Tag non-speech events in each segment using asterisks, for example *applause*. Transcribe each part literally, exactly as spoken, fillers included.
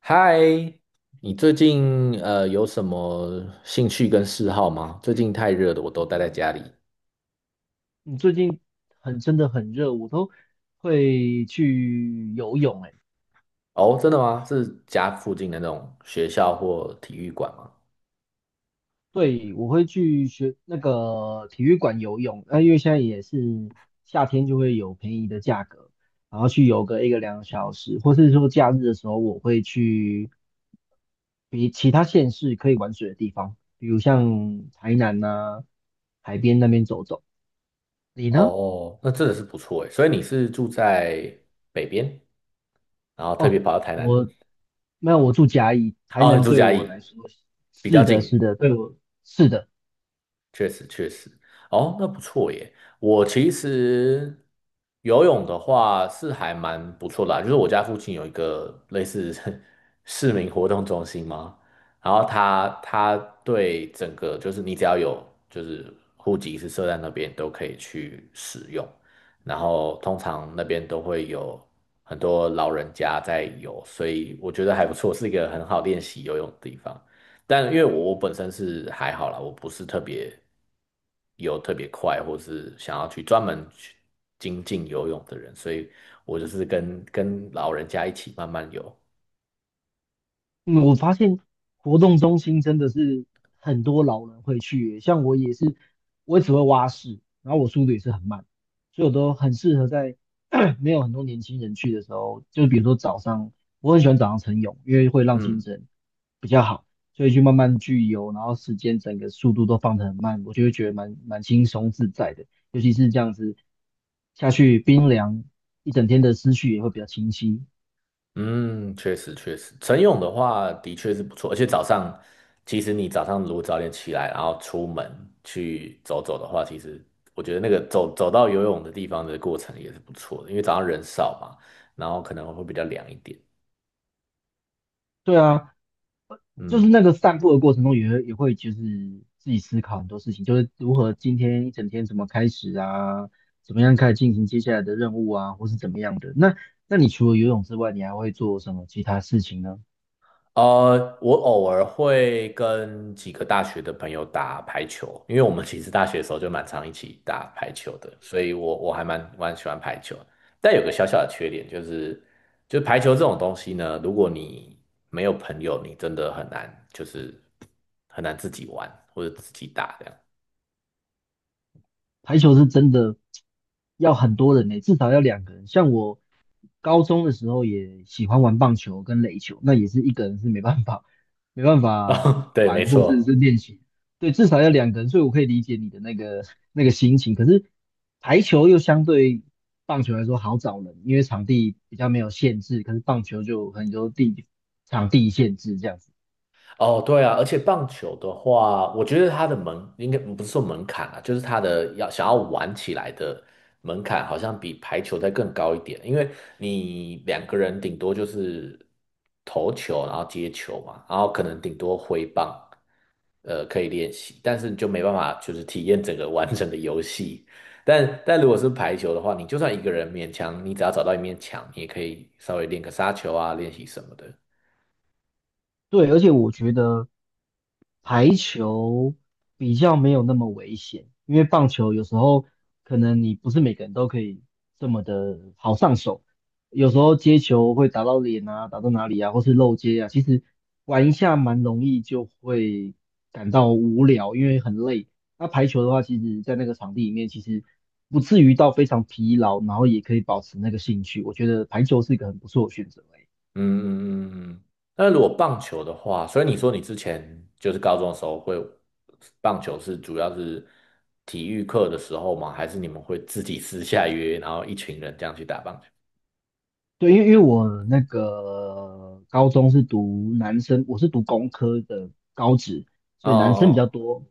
嗨，你最近呃有什么兴趣跟嗜好吗？最近太热了，我都待在家里。你最近很真的很热，我都会去游泳诶。哎哦，真的吗？是家附近的那种学校或体育馆吗？对，我会去学那个体育馆游泳，那、因为现在也是夏天，就会有便宜的价格，然后去游个一个两个小时，或是说假日的时候，我会去比其他县市可以玩水的地方，比如像台南呐、海边那边走走。你呢？哦，那真的是不错诶。所以你是住在北边，然后特别哦，跑到台南？我那我住甲乙，台哦，你南住对嘉我义，来说比较是的，近。是的，对我是的，确实确实，哦，那不错耶。我其实游泳的话是还蛮不错的啊，就是我家附近有一个类似 *laughs* 市民活动中心嘛，然后它它对，整个就是你只要有就是户籍是设在那边都可以去使用，然后通常那边都会有很多老人家在游，所以我觉得还不错，是一个很好练习游泳的地方。但因为我我本身是还好啦，我不是特别游特别快，或是想要去专门去精进游泳的人，所以我就是跟跟老人家一起慢慢游。嗯，我发现活动中心真的是很多老人会去耶像我也是，我也只会蛙式，然后我速度也是很慢，所以我都很适合在 *clears throat* 没有很多年轻人去的时候，就比如说早上，我很喜欢早上晨泳，因为会让精嗯神比较好，所以去慢慢去游，然后时间整个速度都放得很慢，我就会觉得蛮蛮轻松自在的，尤其是这样子下去冰凉，一整天的思绪也会比较清晰。嗯，确实确实，晨泳的话的确是不错，而且早上其实你早上如果早点起来，然后出门去走走的话，其实我觉得那个走走到游泳的地方的过程也是不错的，因为早上人少嘛，然后可能会比较凉一点。对啊，就是嗯。那个散步的过程中也会，也会就是自己思考很多事情，就是如何今天一整天怎么开始啊，怎么样开始进行接下来的任务啊，或是怎么样的。那那你除了游泳之外，你还会做什么其他事情呢？呃，我偶尔会跟几个大学的朋友打排球，因为我们其实大学的时候就蛮常一起打排球的，所以我我还蛮蛮喜欢排球。但有个小小的缺点就是，就排球这种东西呢，如果你没有朋友，你真的很难，就是很难自己玩或者自己打这样。排球是真的要很多人呢、至少要两个人。像我高中的时候也喜欢玩棒球跟垒球，那也是一个人是没办法，没办 *laughs* 法哦，对，没玩或者是错。练习。对，至少要两个人，所以我可以理解你的那个 *laughs* 那个心情。可是排球又相对棒球来说好找人，因为场地比较没有限制，可是棒球就有很多地场地限制这样子。哦，对啊，而且棒球的话，我觉得它的门应该不是说门槛啊，就是它的要想要玩起来的门槛，好像比排球再更高一点，因为你两个人顶多就是投球，然后接球嘛，然后可能顶多挥棒，呃，可以练习，但是你就没办法就是体验整个完整的游戏。但但如果是排球的话，你就算一个人勉强，你只要找到一面墙，你也可以稍微练个杀球啊，练习什么的。对，而且我觉得排球比较没有那么危险，因为棒球有时候可能你不是每个人都可以这么的好上手，有时候接球会打到脸啊，打到哪里啊，或是漏接啊，其实玩一下蛮容易就会感到无聊，因为很累。那排球的话，其实在那个场地里面，其实不至于到非常疲劳，然后也可以保持那个兴趣。我觉得排球是一个很不错的选择欸。嗯嗯嗯嗯，那如果棒球的话，所以你说你之前就是高中的时候会棒球是主要是体育课的时候吗？还是你们会自己私下约，然后一群人这样去打棒球？对，因为因为我那个高中是读男生，我是读工科的高职，哦哦所以男生比较哦，多。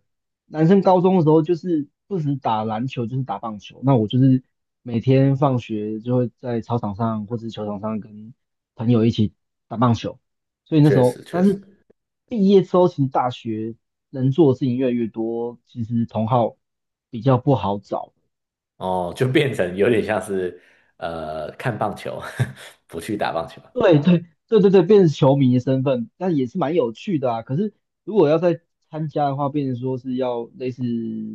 男生高中的时候就是不止打篮球，就是打棒球。那我就是每天放学就会在操场上或是球场上跟朋友一起打棒球。所以那时确候，实确但实，是毕业之后，其实大学能做的事情越来越多，其实同好比较不好找。哦，就变成有点像是呃看棒球，*laughs* 不去打棒球。对对对对对，变成球迷的身份，但也是蛮有趣的啊。可是如果要再参加的话，变成说是要类似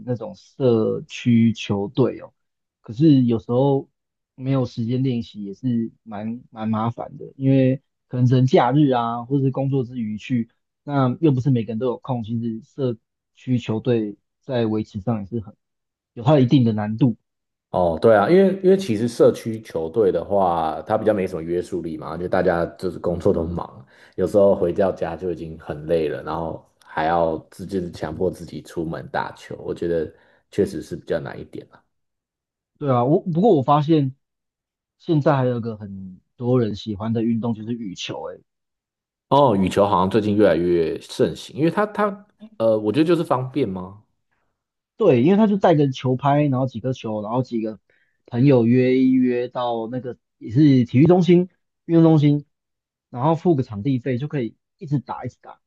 那种社区球队哦。可是有时候没有时间练习，也是蛮蛮麻烦的，因为可能只能假日啊，或者是工作之余去，那又不是每个人都有空。其实社区球队在维持上也是很有它一定的难度。哦，对啊，因为因为其实社区球队的话，它比较没什么约束力嘛，就大家就是工作都忙，有时候回到家就已经很累了，然后还要自就是强迫自己出门打球，我觉得确实是比较难一点啊。对啊，我不过我发现现在还有个很多人喜欢的运动就是羽球、欸，诶，哦，羽球好像最近越来越盛行，因为它它呃，我觉得就是方便吗？对，因为他就带个球拍，然后几个球，然后几个朋友约一约到那个也是体育中心、运动中心，然后付个场地费就可以一直打一直打，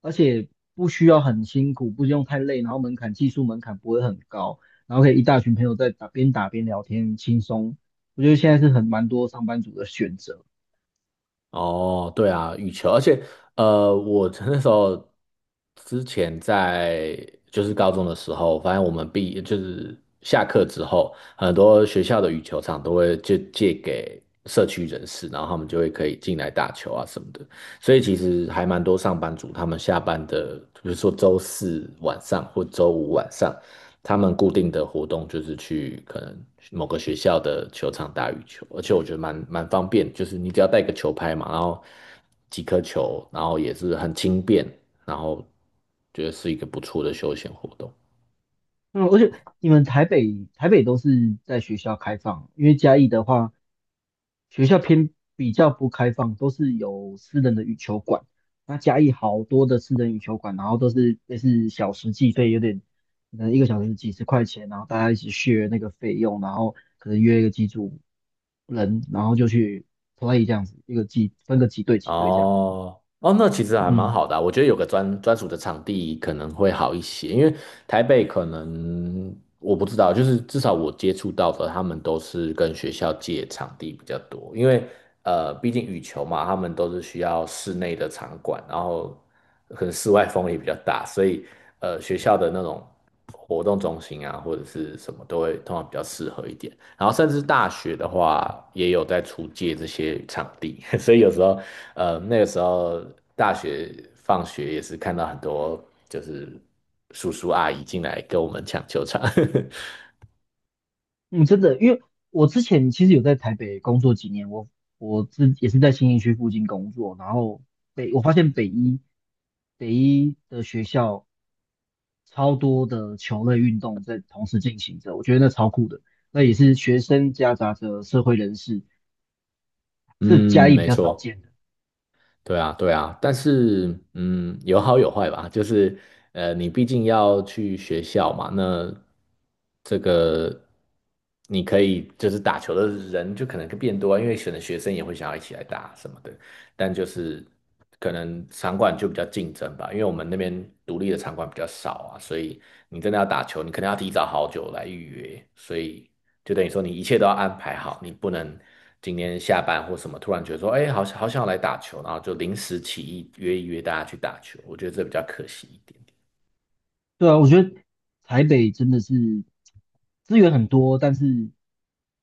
而且不需要很辛苦，不用太累，然后门槛技术门槛不会很高，然后可以一大群朋友在打边打边聊天，轻松。我觉得现在是很蛮多上班族的选择。哦，对啊，羽球，而且呃，我 *laughs* 那时候之前在就是高中的时候，发现我们毕就是下课之后，很多学校的羽球场都会就借给社区人士，然后他们就会可以进来打球啊什么的。所以其实还蛮多上班族，他们下班的，比如说周四晚上或周五晚上，他们固定的活动就是去可能某个学校的球场打羽球，而且我觉得蛮蛮方便，就是你只要带个球拍嘛，然后几颗球，然后也是很轻便，然后觉得是一个不错的休闲活动。嗯，而且你们台北台北都是在学校开放，因为嘉义的话，学校偏比较不开放，都是有私人的羽球馆。那嘉义好多的私人羽球馆，然后都是类是小时计费，有点可能一个小时几十块钱，然后大家一起 s 那个费用，然后可能约一个几组人，然后就去 play 这样子，一个几分个几队几队这样。哦哦，那其实还蛮嗯好的啊，我觉得有个专专属的场地可能会好一些，因为台北可能我不知道，就是至少我接触到的，他们都是跟学校借场地比较多，因为呃，毕竟羽球嘛，他们都是需要室内的场馆，然后可能室外风也比较大，所以呃，学校的那种。活动中心啊，或者是什么都会通常比较适合一点。然后甚至大学的话，也有在出借这些场地，*laughs* 所以有时候，呃，那个时候大学放学也是看到很多就是叔叔阿姨进来跟我们抢球场。嗯，真的，因为我之前其实有在台北工作几年，我我自也是在新义区附近工作，然后北我发现北一北一的学校超多的球类运动在同时进行着，我觉得那超酷的，那也是学生夹杂着社会人士，*laughs* 是嘉嗯，义比没较少错。见的。对啊，对啊，但是嗯，有好有坏吧。就是呃，你毕竟要去学校嘛，那这个你可以就是打球的人就可能变多啊，因为可能学生也会想要一起来打什么的。但就是可能场馆就比较竞争吧，因为我们那边独立的场馆比较少啊，所以你真的要打球，你可能要提早好久来预约，所以就等于说你一切都要安排好，你不能今天下班或什么突然觉得说，哎，好想好想来打球，然后就临时起意约一约大家去打球，我觉得这比较可惜一点点。对啊，我觉得台北真的是资源很多，但是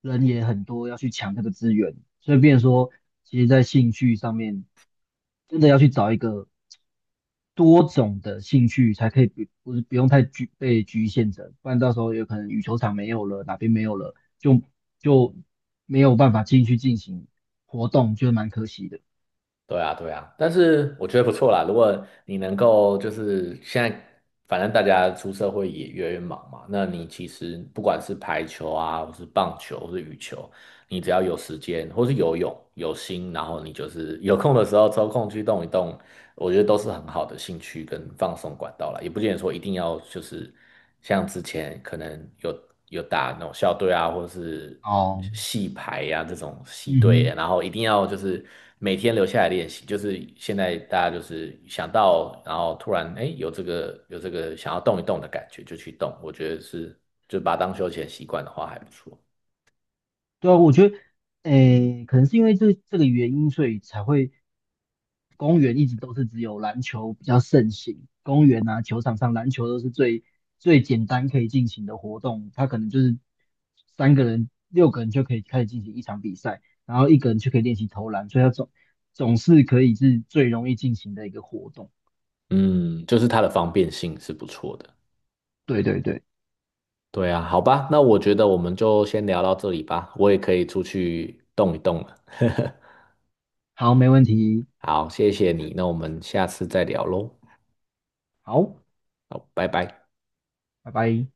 人也很多，要去抢这个资源，所以变成说，其实在兴趣上面，真的要去找一个多种的兴趣，才可以不不是不用太局被局限着，不然到时候有可能羽球场没有了，哪边没有了，就就没有办法进去进行活动，就蛮可惜的。对啊，对啊，但是我觉得不错啦，如果你能够就是现在，反正大家出社会也越来越忙嘛，那你其实不管是排球啊，或是棒球，或是羽球。你只要有时间，或是游泳，有心，然后你就是有空的时候抽空去动一动，我觉得都是很好的兴趣跟放松管道啦，也不见得说一定要就是像之前可能有有打那种校队啊，或者是哦，系排呀、这种系嗯队，哼。然后一定要就是每天留下来练习。就是现在大家就是想到，然后突然哎有这个有这个想要动一动的感觉就去动，我觉得是就把它当休闲习惯的话还不错。对啊，我觉得，诶，可能是因为这这个原因，所以才会公园一直都是只有篮球比较盛行。公园啊，球场上篮球都是最最简单可以进行的活动，它可能就是三个人、六个人就可以开始进行一场比赛，然后一个人就可以练习投篮，所以它总总是可以是最容易进行的一个活动。嗯，就是它的方便性是不错的。对对对，对啊，好吧，那我觉得我们就先聊到这里吧，我也可以出去动一动了。好，没问题，好，谢谢你，那我们下次再聊喽。好，好，拜拜。拜拜。